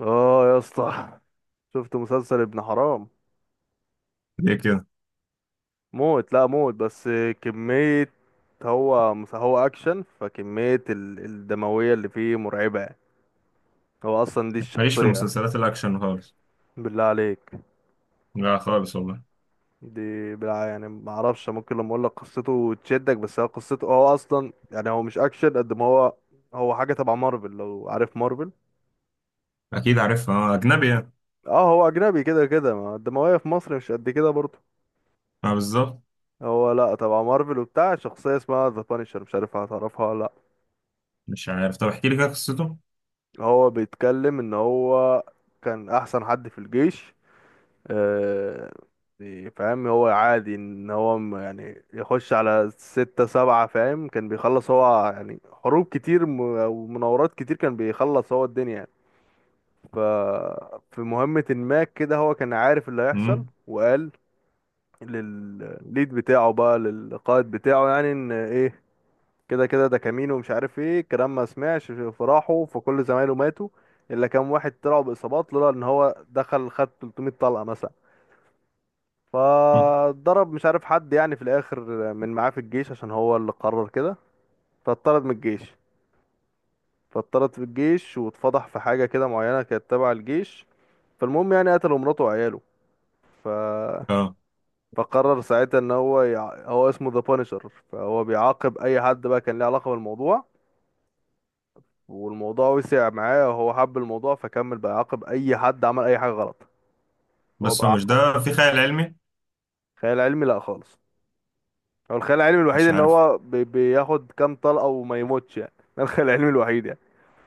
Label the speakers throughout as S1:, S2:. S1: اه، يا اسطى. شفت مسلسل ابن حرام؟
S2: ليه كده؟
S1: موت، لا موت بس كمية. هو اكشن، فكمية الدموية اللي فيه مرعبة يعني. هو اصلا دي
S2: ماليش في
S1: الشخصية.
S2: المسلسلات الاكشن خالص.
S1: بالله عليك،
S2: لا خالص والله.
S1: دي بالله، يعني ما اعرفش، ممكن لما اقول لك قصته تشدك، بس هو قصته، هو اصلا يعني هو مش اكشن قد ما هو هو حاجة تبع مارفل، لو عارف مارفل.
S2: اكيد عارفها، اجنبي يعني.
S1: اه، هو اجنبي، كده كده ما الدموية في مصر مش قد كده برضه.
S2: اه، بالظبط.
S1: هو لا، تبع مارفل وبتاع، شخصية اسمها ذا بانشر، مش عارف هتعرفها ولا.
S2: مش عارف. طب احكي لي كده قصته.
S1: هو بيتكلم ان هو كان احسن حد في الجيش. آه. يعني فاهم، هو عادي ان هو يعني يخش على ستة سبعة، فاهم، كان بيخلص هو يعني حروب كتير ومناورات كتير، كان بيخلص هو الدنيا يعني. ف في مهمة ما كده هو كان عارف اللي هيحصل،
S2: امم
S1: وقال للليد بتاعه بقى، للقائد بتاعه يعني، ان ايه، كده كده ده كمين، ومش عارف ايه الكلام، ما سمعش فراحه، فكل زمايله ماتوا الا كام واحد طلعوا باصابات، لولا ان هو دخل خد 300 طلقه مثلا، فضرب مش عارف حد يعني في الاخر من معاه في الجيش، عشان هو اللي قرر كده. فاتطرد من الجيش، فاتطرد في الجيش، واتفضح في حاجه كده معينه كانت تبع الجيش. فالمهم يعني قتلوا مراته وعياله. ف...
S2: اه،
S1: فقرر ساعتها ان هو هو اسمه ذا بانشر، فهو بيعاقب اي حد بقى كان له علاقه بالموضوع، والموضوع وسع معاه وهو حب الموضوع، فكمل بقى يعاقب اي حد عمل اي حاجه غلط. هو
S2: بس هو
S1: بقى.
S2: مش ده. في خيال علمي.
S1: خيال علمي لا خالص. هو الخيال العلمي الوحيد
S2: مش
S1: ان
S2: عارف.
S1: هو بياخد كام طلقه وما يموتش يعني ده الخيال العلمي الوحيد يعني.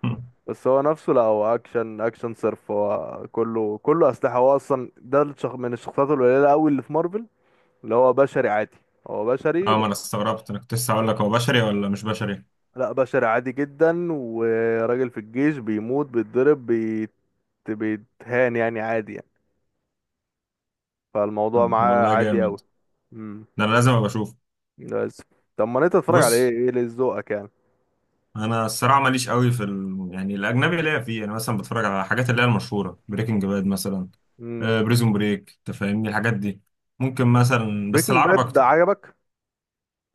S2: مم.
S1: بس هو نفسه لا، هو اكشن اكشن صرف، هو كله كله اسلحه. هو اصلا من الشخصيات القليله قوي اللي في مارفل، اللي هو بشري عادي، هو بشري
S2: اه، ما
S1: بس.
S2: انا استغربت، انا كنت لسه هقول لك هو بشري ولا مش بشري.
S1: لا، بشري عادي جدا، وراجل في الجيش بيموت، بيتضرب، بيتهان يعني، عادي يعني. فالموضوع
S2: طب
S1: معاه
S2: والله
S1: عادي قوي.
S2: جامد.
S1: امم.
S2: ده انا لازم ابقى اشوف.
S1: بس. طب ما انت تتفرج على ايه،
S2: بص،
S1: ايه اللي ذوقك يعني؟
S2: انا الصراحه ماليش قوي في ال... يعني الاجنبي ليا فيه. انا مثلا بتفرج على الحاجات اللي هي المشهوره، بريكنج باد مثلا.
S1: امم.
S2: بريزون بريك، انت فاهمني الحاجات دي. ممكن مثلا، بس
S1: بريكنج
S2: العرب
S1: باد ده
S2: اكتر.
S1: عجبك؟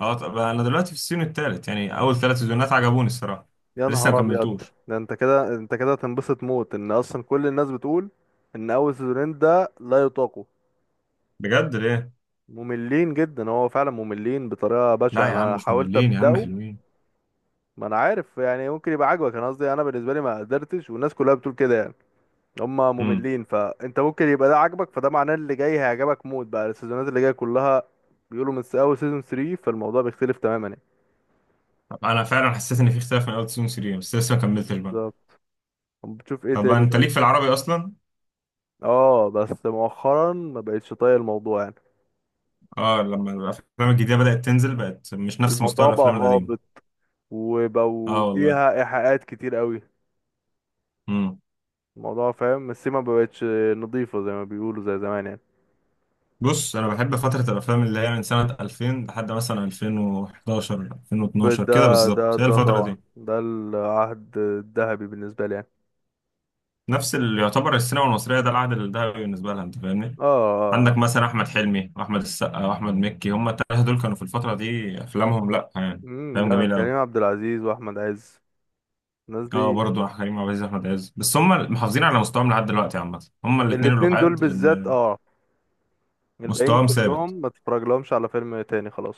S2: اه، طب انا دلوقتي في السيزون الثالث، يعني اول ثلاث سيزونات عجبوني الصراحه.
S1: يا
S2: لسه ما
S1: نهار ابيض.
S2: كملتوش.
S1: ده انت كده، انت كده تنبسط موت، ان اصلا كل الناس بتقول ان اول سيزونين ده لا يطاقوا.
S2: بجد؟ ليه؟
S1: مملين جدا، هو فعلا مملين بطريقه
S2: لا
S1: بشعه،
S2: يا عم
S1: انا
S2: مش
S1: حاولت
S2: مملين، يا عم
S1: ابداه.
S2: حلوين.
S1: ما انا عارف يعني، ممكن يبقى عاجبك، انا قصدي انا بالنسبه لي ما قدرتش، والناس كلها بتقول كده يعني هما
S2: امم.
S1: مملين، فانت ممكن يبقى ده عاجبك، فده معناه اللي جاي هيعجبك موت بقى السيزونات اللي جايه كلها. بيقولوا من اول سيزون 3 فالموضوع بيختلف تماما يعني.
S2: طب انا فعلا حسيت ان في اختلاف من اول سيزون 3، بس لسه ما كملتش بقى.
S1: بالظبط. طب بتشوف ايه
S2: طب
S1: تاني
S2: انت
S1: طيب؟
S2: ليك في العربي اصلا.
S1: اه، بس مؤخرا ما بقتش طايق الموضوع يعني.
S2: اه، لما الافلام الجديده بدات تنزل بقت مش نفس مستوى
S1: الموضوع بقى
S2: الافلام القديمه.
S1: هابط،
S2: اه
S1: وبقوا
S2: والله.
S1: فيها ايحاءات كتير قوي.
S2: امم.
S1: الموضوع، فاهم، السيما ما بقتش نظيفه زي ما بيقولوا زي زمان يعني.
S2: بص، انا بحب فتره الافلام اللي هي من سنه 2000 لحد مثلا 2011،
S1: ده
S2: 2012، كده
S1: ده
S2: بالظبط هي
S1: ده
S2: الفتره
S1: طبعا
S2: دي.
S1: ده العهد الذهبي بالنسبه لي يعني.
S2: نفس اللي يعتبر السينما المصريه ده العهد الذهبي بالنسبه لها، انت فاهمني.
S1: اه.
S2: عندك
S1: اه.
S2: مثلا احمد حلمي واحمد السقا واحمد مكي، هم الثلاثه دول كانوا في الفتره دي افلامهم، لا يعني. افلام
S1: لا،
S2: جميله قوي.
S1: كريم عبد العزيز واحمد عز، الناس
S2: اه
S1: دي.
S2: برضه كريم عبد العزيز، احمد عز، بس هم محافظين على مستواهم لحد دلوقتي عامه، هم الاثنين
S1: الاتنين دول
S2: الوحيد
S1: بالذات،
S2: اللي
S1: اه. الباقيين
S2: مستواهم
S1: كلهم
S2: ثابت.
S1: ما تتفرج لهمش على فيلم تاني خلاص.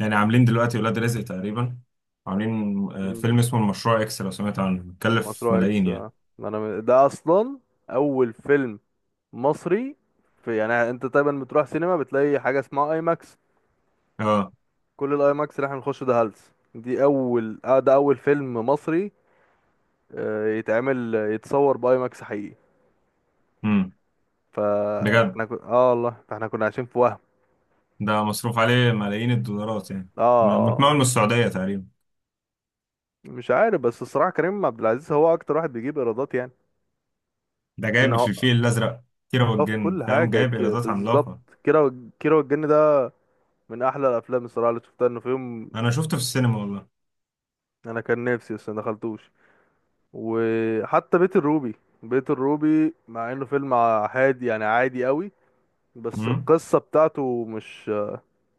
S2: يعني عاملين دلوقتي ولاد رزق تقريبا. عاملين
S1: مم.
S2: فيلم اسمه المشروع اكس، لو سمعت عنه كلف
S1: مشروع اكس،
S2: ملايين يعني.
S1: آه. ما انا ده اصلا اول فيلم مصري في، يعني انت دايما بتروح سينما بتلاقي حاجه اسمها اي ماكس.
S2: اه.
S1: كل الاي ماكس اللي احنا بنخش ده هلس، دي اول، ده اول فيلم مصري، آه، يتعمل يتصور باي ماكس حقيقي.
S2: امم. بجد.
S1: فاحنا كنا والله، فاحنا كنا عايشين في وهم.
S2: ده مصروف عليه ملايين الدولارات يعني.
S1: اه. آه.
S2: متمول
S1: آه.
S2: من السعوديه تقريبا.
S1: مش عارف، بس الصراحه كريم عبد العزيز هو اكتر واحد بيجيب ايرادات يعني.
S2: ده
S1: ان
S2: جايب في
S1: هو.
S2: الفيل الازرق، كيرة
S1: اه، في
S2: والجن،
S1: كل
S2: فاهم؟
S1: حاجة
S2: جايب ايرادات
S1: بالظبط.
S2: عملاقه.
S1: كيرة والجن ده من أحلى الأفلام الصراحة اللي شفتها إنه في يوم.
S2: انا شفته في السينما والله.
S1: أنا كان نفسي، بس ما دخلتوش. وحتى بيت الروبي. بيت الروبي، مع إنه فيلم عادي يعني عادي قوي، بس
S2: امم.
S1: القصة بتاعته مش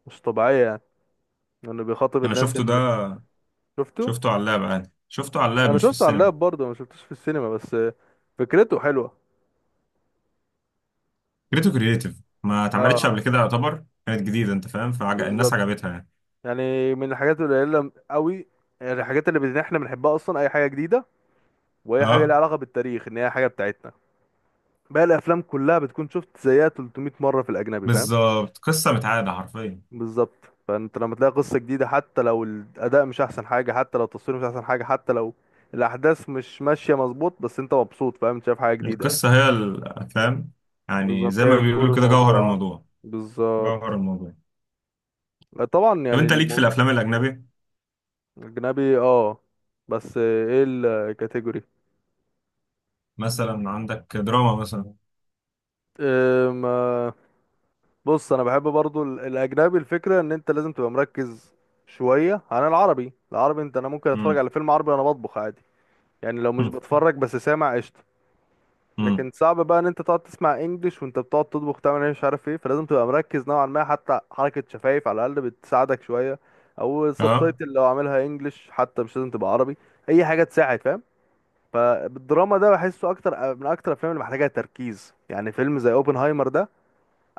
S1: مش طبيعية يعني، إنه بيخاطب
S2: انا
S1: الناس
S2: شفته ده،
S1: اللي. شفته.
S2: شفته على اللاب عادي، شفته على اللاب
S1: أنا
S2: مش في
S1: شفته على
S2: السينما.
S1: اللاب برضه، ما شفتوش في السينما، بس فكرته حلوة.
S2: فكرته كرييتيف. ما اتعملتش قبل
S1: اه.
S2: كده، يعتبر كانت جديده، انت فاهم؟ الناس
S1: بالظبط.
S2: عجبتها يعني.
S1: يعني من الحاجات القليلة قوي، يعني الحاجات اللي احنا بنحبها أصلا أي حاجة جديدة، وهي حاجه ليها
S2: اه
S1: علاقه بالتاريخ، ان هي حاجه بتاعتنا. باقي الافلام كلها بتكون شفت زيها 300 مره في الاجنبي، فاهم.
S2: بالظبط، قصه متعاده حرفيا.
S1: بالظبط. فانت لما تلاقي قصه جديده، حتى لو الاداء مش احسن حاجه، حتى لو التصوير مش احسن حاجه، حتى لو الاحداث مش ماشيه مظبوط، بس انت مبسوط، فاهم، انت شايف حاجه جديده يعني.
S2: القصه هي فاهم. يعني
S1: بالظبط،
S2: زي
S1: هي
S2: ما
S1: كور
S2: بيقولوا كده، جوهر
S1: الموضوع، آه.
S2: الموضوع.
S1: بالظبط.
S2: جوهر الموضوع.
S1: لا، طبعا
S2: طب
S1: يعني
S2: انت ليك في الافلام الاجنبي.
S1: الاجنبي، اه. بس ايه الكاتيجوري؟
S2: مثلا عندك دراما مثلا.
S1: بص، انا بحب برضو الاجنبي، الفكره ان انت لازم تبقى مركز شويه عن العربي. العربي انت، انا ممكن اتفرج
S2: امم.
S1: على فيلم عربي وانا بطبخ عادي يعني، لو مش بتفرج بس سامع، قشطه.
S2: امم.
S1: لكن صعب بقى ان انت تقعد تسمع انجليش وانت بتقعد تطبخ، تعمل ايه، مش عارف ايه، فلازم تبقى مركز نوعا ما، حتى حركه شفايف على الاقل بتساعدك شويه، او
S2: اه.
S1: السبتايتل لو عاملها انجليش حتى، مش لازم تبقى عربي، اي حاجه تساعد، فاهم. فالدراما ده بحسه اكتر، من اكتر الافلام اللي محتاجه تركيز يعني. فيلم زي اوبنهايمر ده،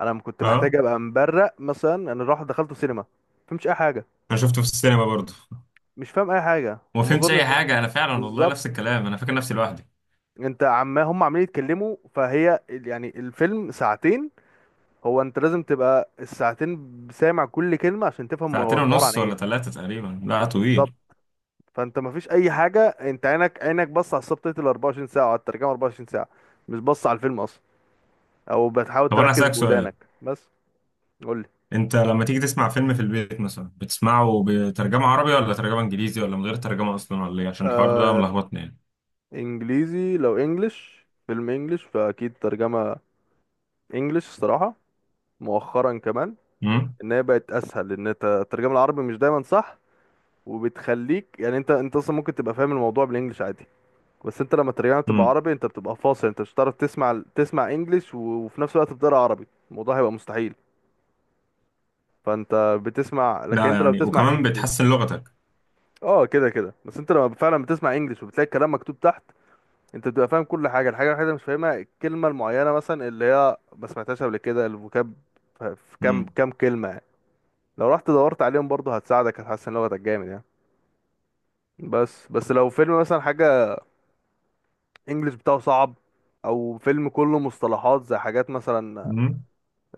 S1: انا كنت محتاج
S2: اه،
S1: ابقى مبرق مثلا. انا راح دخلته سينما، فهمش اي حاجه.
S2: انا شفته في السينما برضه.
S1: مش فاهم اي حاجه،
S2: وما
S1: وما
S2: فهمتش
S1: اظنش.
S2: اي حاجه، انا فعلا والله نفس
S1: بالظبط.
S2: الكلام، انا فاكر نفسي لوحدي.
S1: انت عما هم عمالين يتكلموا، يعني الفيلم ساعتين، هو انت لازم تبقى الساعتين سامع كل كلمه عشان تفهم هو
S2: ساعتين
S1: الحوار عن
S2: ونص ولا
S1: ايه.
S2: ثلاثة تقريبا، لا
S1: بالظبط.
S2: طويل.
S1: فانت ما فيش اي حاجه، انت عينك بص على السبتايتل 24 ساعه وعلى الترجمه 24 ساعه، مش بص على الفيلم اصلا، او بتحاول
S2: طب أنا
S1: تركز
S2: هسألك سؤال.
S1: بودانك. بس، قول لي.
S2: أنت لما تيجي تسمع فيلم في البيت مثلا بتسمعه بترجمة عربي ولا ترجمة إنجليزي ولا من غير ترجمة أصلا ولا إيه؟ عشان الحوار ده
S1: آه.
S2: ملخبطني يعني.
S1: انجليزي، لو انجلش، فيلم انجلش فاكيد ترجمه انجلش الصراحة، مؤخرا كمان،
S2: امم.
S1: ان هي بقت اسهل، ان انت الترجمة العربي مش دايما صح، وبتخليك يعني انت اصلا ممكن تبقى فاهم الموضوع بالانجلش عادي، بس انت لما الترجمة بتبقى
S2: امم.
S1: عربي انت بتبقى فاصل، انت مش هتعرف تسمع انجلش وفي نفس الوقت بتقرا عربي، الموضوع هيبقى مستحيل. فانت بتسمع، لكن
S2: ده
S1: انت لو
S2: يعني
S1: بتسمع
S2: وكمان
S1: انجلش،
S2: بتحسن لغتك.
S1: اه كده كده. بس انت لما فعلا بتسمع انجلش وبتلاقي الكلام مكتوب تحت، انت بتبقى فاهم كل حاجة، الحاجة الوحيدة اللي مش فاهمها الكلمة المعينة مثلا اللي هي ما سمعتهاش قبل كده، الفوكاب، في كام
S2: امم.
S1: كام كلمة، لو رحت دورت عليهم برضه هتساعدك، هتحسن لغتك جامد يعني. بس لو فيلم مثلا حاجة، انجلش بتاعه صعب، او فيلم كله مصطلحات زي حاجات مثلا،
S2: امم.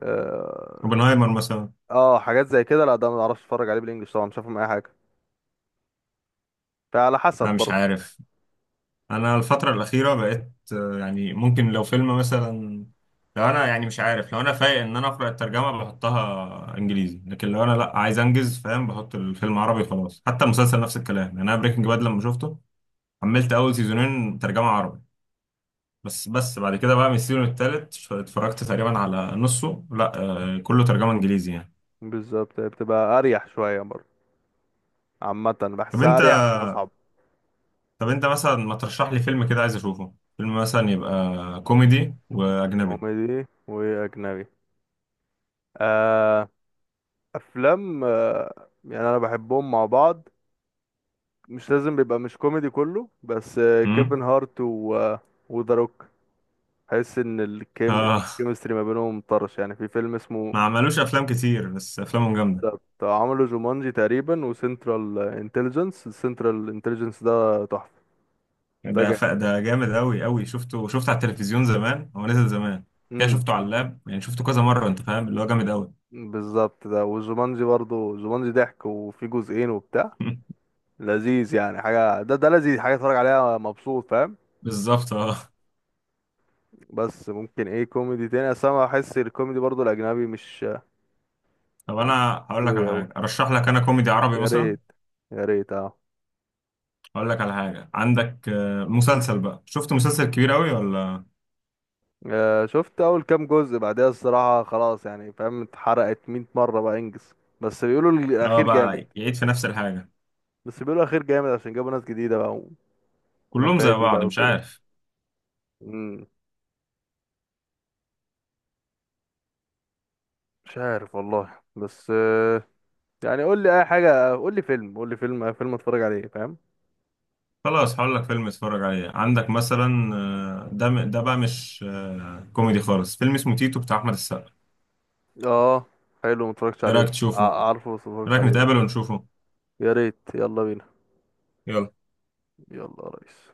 S1: اه،
S2: اوبنهايمر مثلا.
S1: آه، حاجات زي كده، لا، ده ما اعرفش اتفرج عليه بالانجلش، طبعا مش هفهم اي حاجة، فعلى حسب
S2: أنا مش
S1: برضه.
S2: عارف. انا الفتره الاخيره بقيت يعني ممكن لو فيلم مثلا، لو انا يعني مش عارف، لو انا فايق ان انا اقرا الترجمه بحطها انجليزي، لكن لو انا لا عايز انجز فاهم، بحط الفيلم عربي خلاص. حتى المسلسل نفس الكلام، يعني انا بريكنج
S1: مم.
S2: باد لما شفته، حملت اول سيزونين ترجمه عربي. بس بعد كده بقى من السيزون التالت اتفرجت تقريبا على نصه، لا كله ترجمه انجليزي يعني.
S1: بالظبط، بتبقى اريح شوية برضه. عامة
S2: طب
S1: بحسها
S2: انت
S1: اريح مش اصعب.
S2: طب انت مثلا ما ترشح لي فيلم كده عايز اشوفه، فيلم مثلا يبقى كوميدي واجنبي.
S1: كوميدي واجنبي، آه. افلام، يعني انا بحبهم مع بعض، مش لازم بيبقى مش كوميدي كله، بس كيفن هارت و آه، وذا روك، حس ان الكيم
S2: امم.
S1: الكيمستري ما بينهم طرش يعني. في فيلم اسمه،
S2: ما عملوش افلام كتير بس افلامهم جامده.
S1: عملوا جومانجي تقريبا، وسنترال انتليجنس، السنترال انتليجنس ده تحفة، ده جامد.
S2: ده جامد قوي قوي، شفته، شفته على التلفزيون زمان، هو نزل زمان كده.
S1: امم.
S2: شفته على اللاب يعني، شفته كذا مره انت فاهم، اللي هو جامد قوي.
S1: بالظبط، ده وجومانجي برضو، جومانجي ضحك وفي جزئين وبتاع، لذيذ يعني، حاجة ده لذيذ، حاجة اتفرج عليها مبسوط، فاهم.
S2: بالظبط اه.
S1: بس ممكن ايه كوميدي تاني، اصل انا بحس الكوميدي برضو الاجنبي مش
S2: طب انا هقول لك
S1: دوي
S2: على
S1: اوي.
S2: حاجه، ارشح لك انا كوميدي عربي
S1: يا
S2: مثلا.
S1: ريت، يا ريت، اه.
S2: هقول لك على حاجه. عندك مسلسل بقى، شفت مسلسل كبير قوي ولا؟
S1: آه. شفت اول كام جزء، بعدها الصراحة خلاص يعني، فاهم، اتحرقت 100 مرة بقى، انجز. بس بيقولوا
S2: اه
S1: الاخير جامد.
S2: بقى يعيد في نفس الحاجه.
S1: بس بيقولوا الاخير جامد، عشان جابوا ناس جديدة بقى،
S2: كلهم زي
S1: ونفادي
S2: بعض
S1: بقى
S2: مش
S1: وكده.
S2: عارف.
S1: مم، مش عارف والله، بس يعني، قول لي اي حاجة، قول لي فيلم، قول لي فيلم، أي فيلم اتفرج عليه، فاهم.
S2: خلاص هقول لك فيلم اتفرج عليه، عندك مثلا ده بقى مش كوميدي خالص، فيلم اسمه تيتو بتاع احمد السقا.
S1: اه، حلو، متفرجتش
S2: ايه
S1: عليه،
S2: رايك تشوفه؟ ايه
S1: عارفه بس متفرجتش
S2: رايك
S1: عليه، بس
S2: نتقابل
S1: قشطة.
S2: ونشوفه؟
S1: يا ريت، يلا بينا.
S2: يلا.
S1: يلا يا ريس.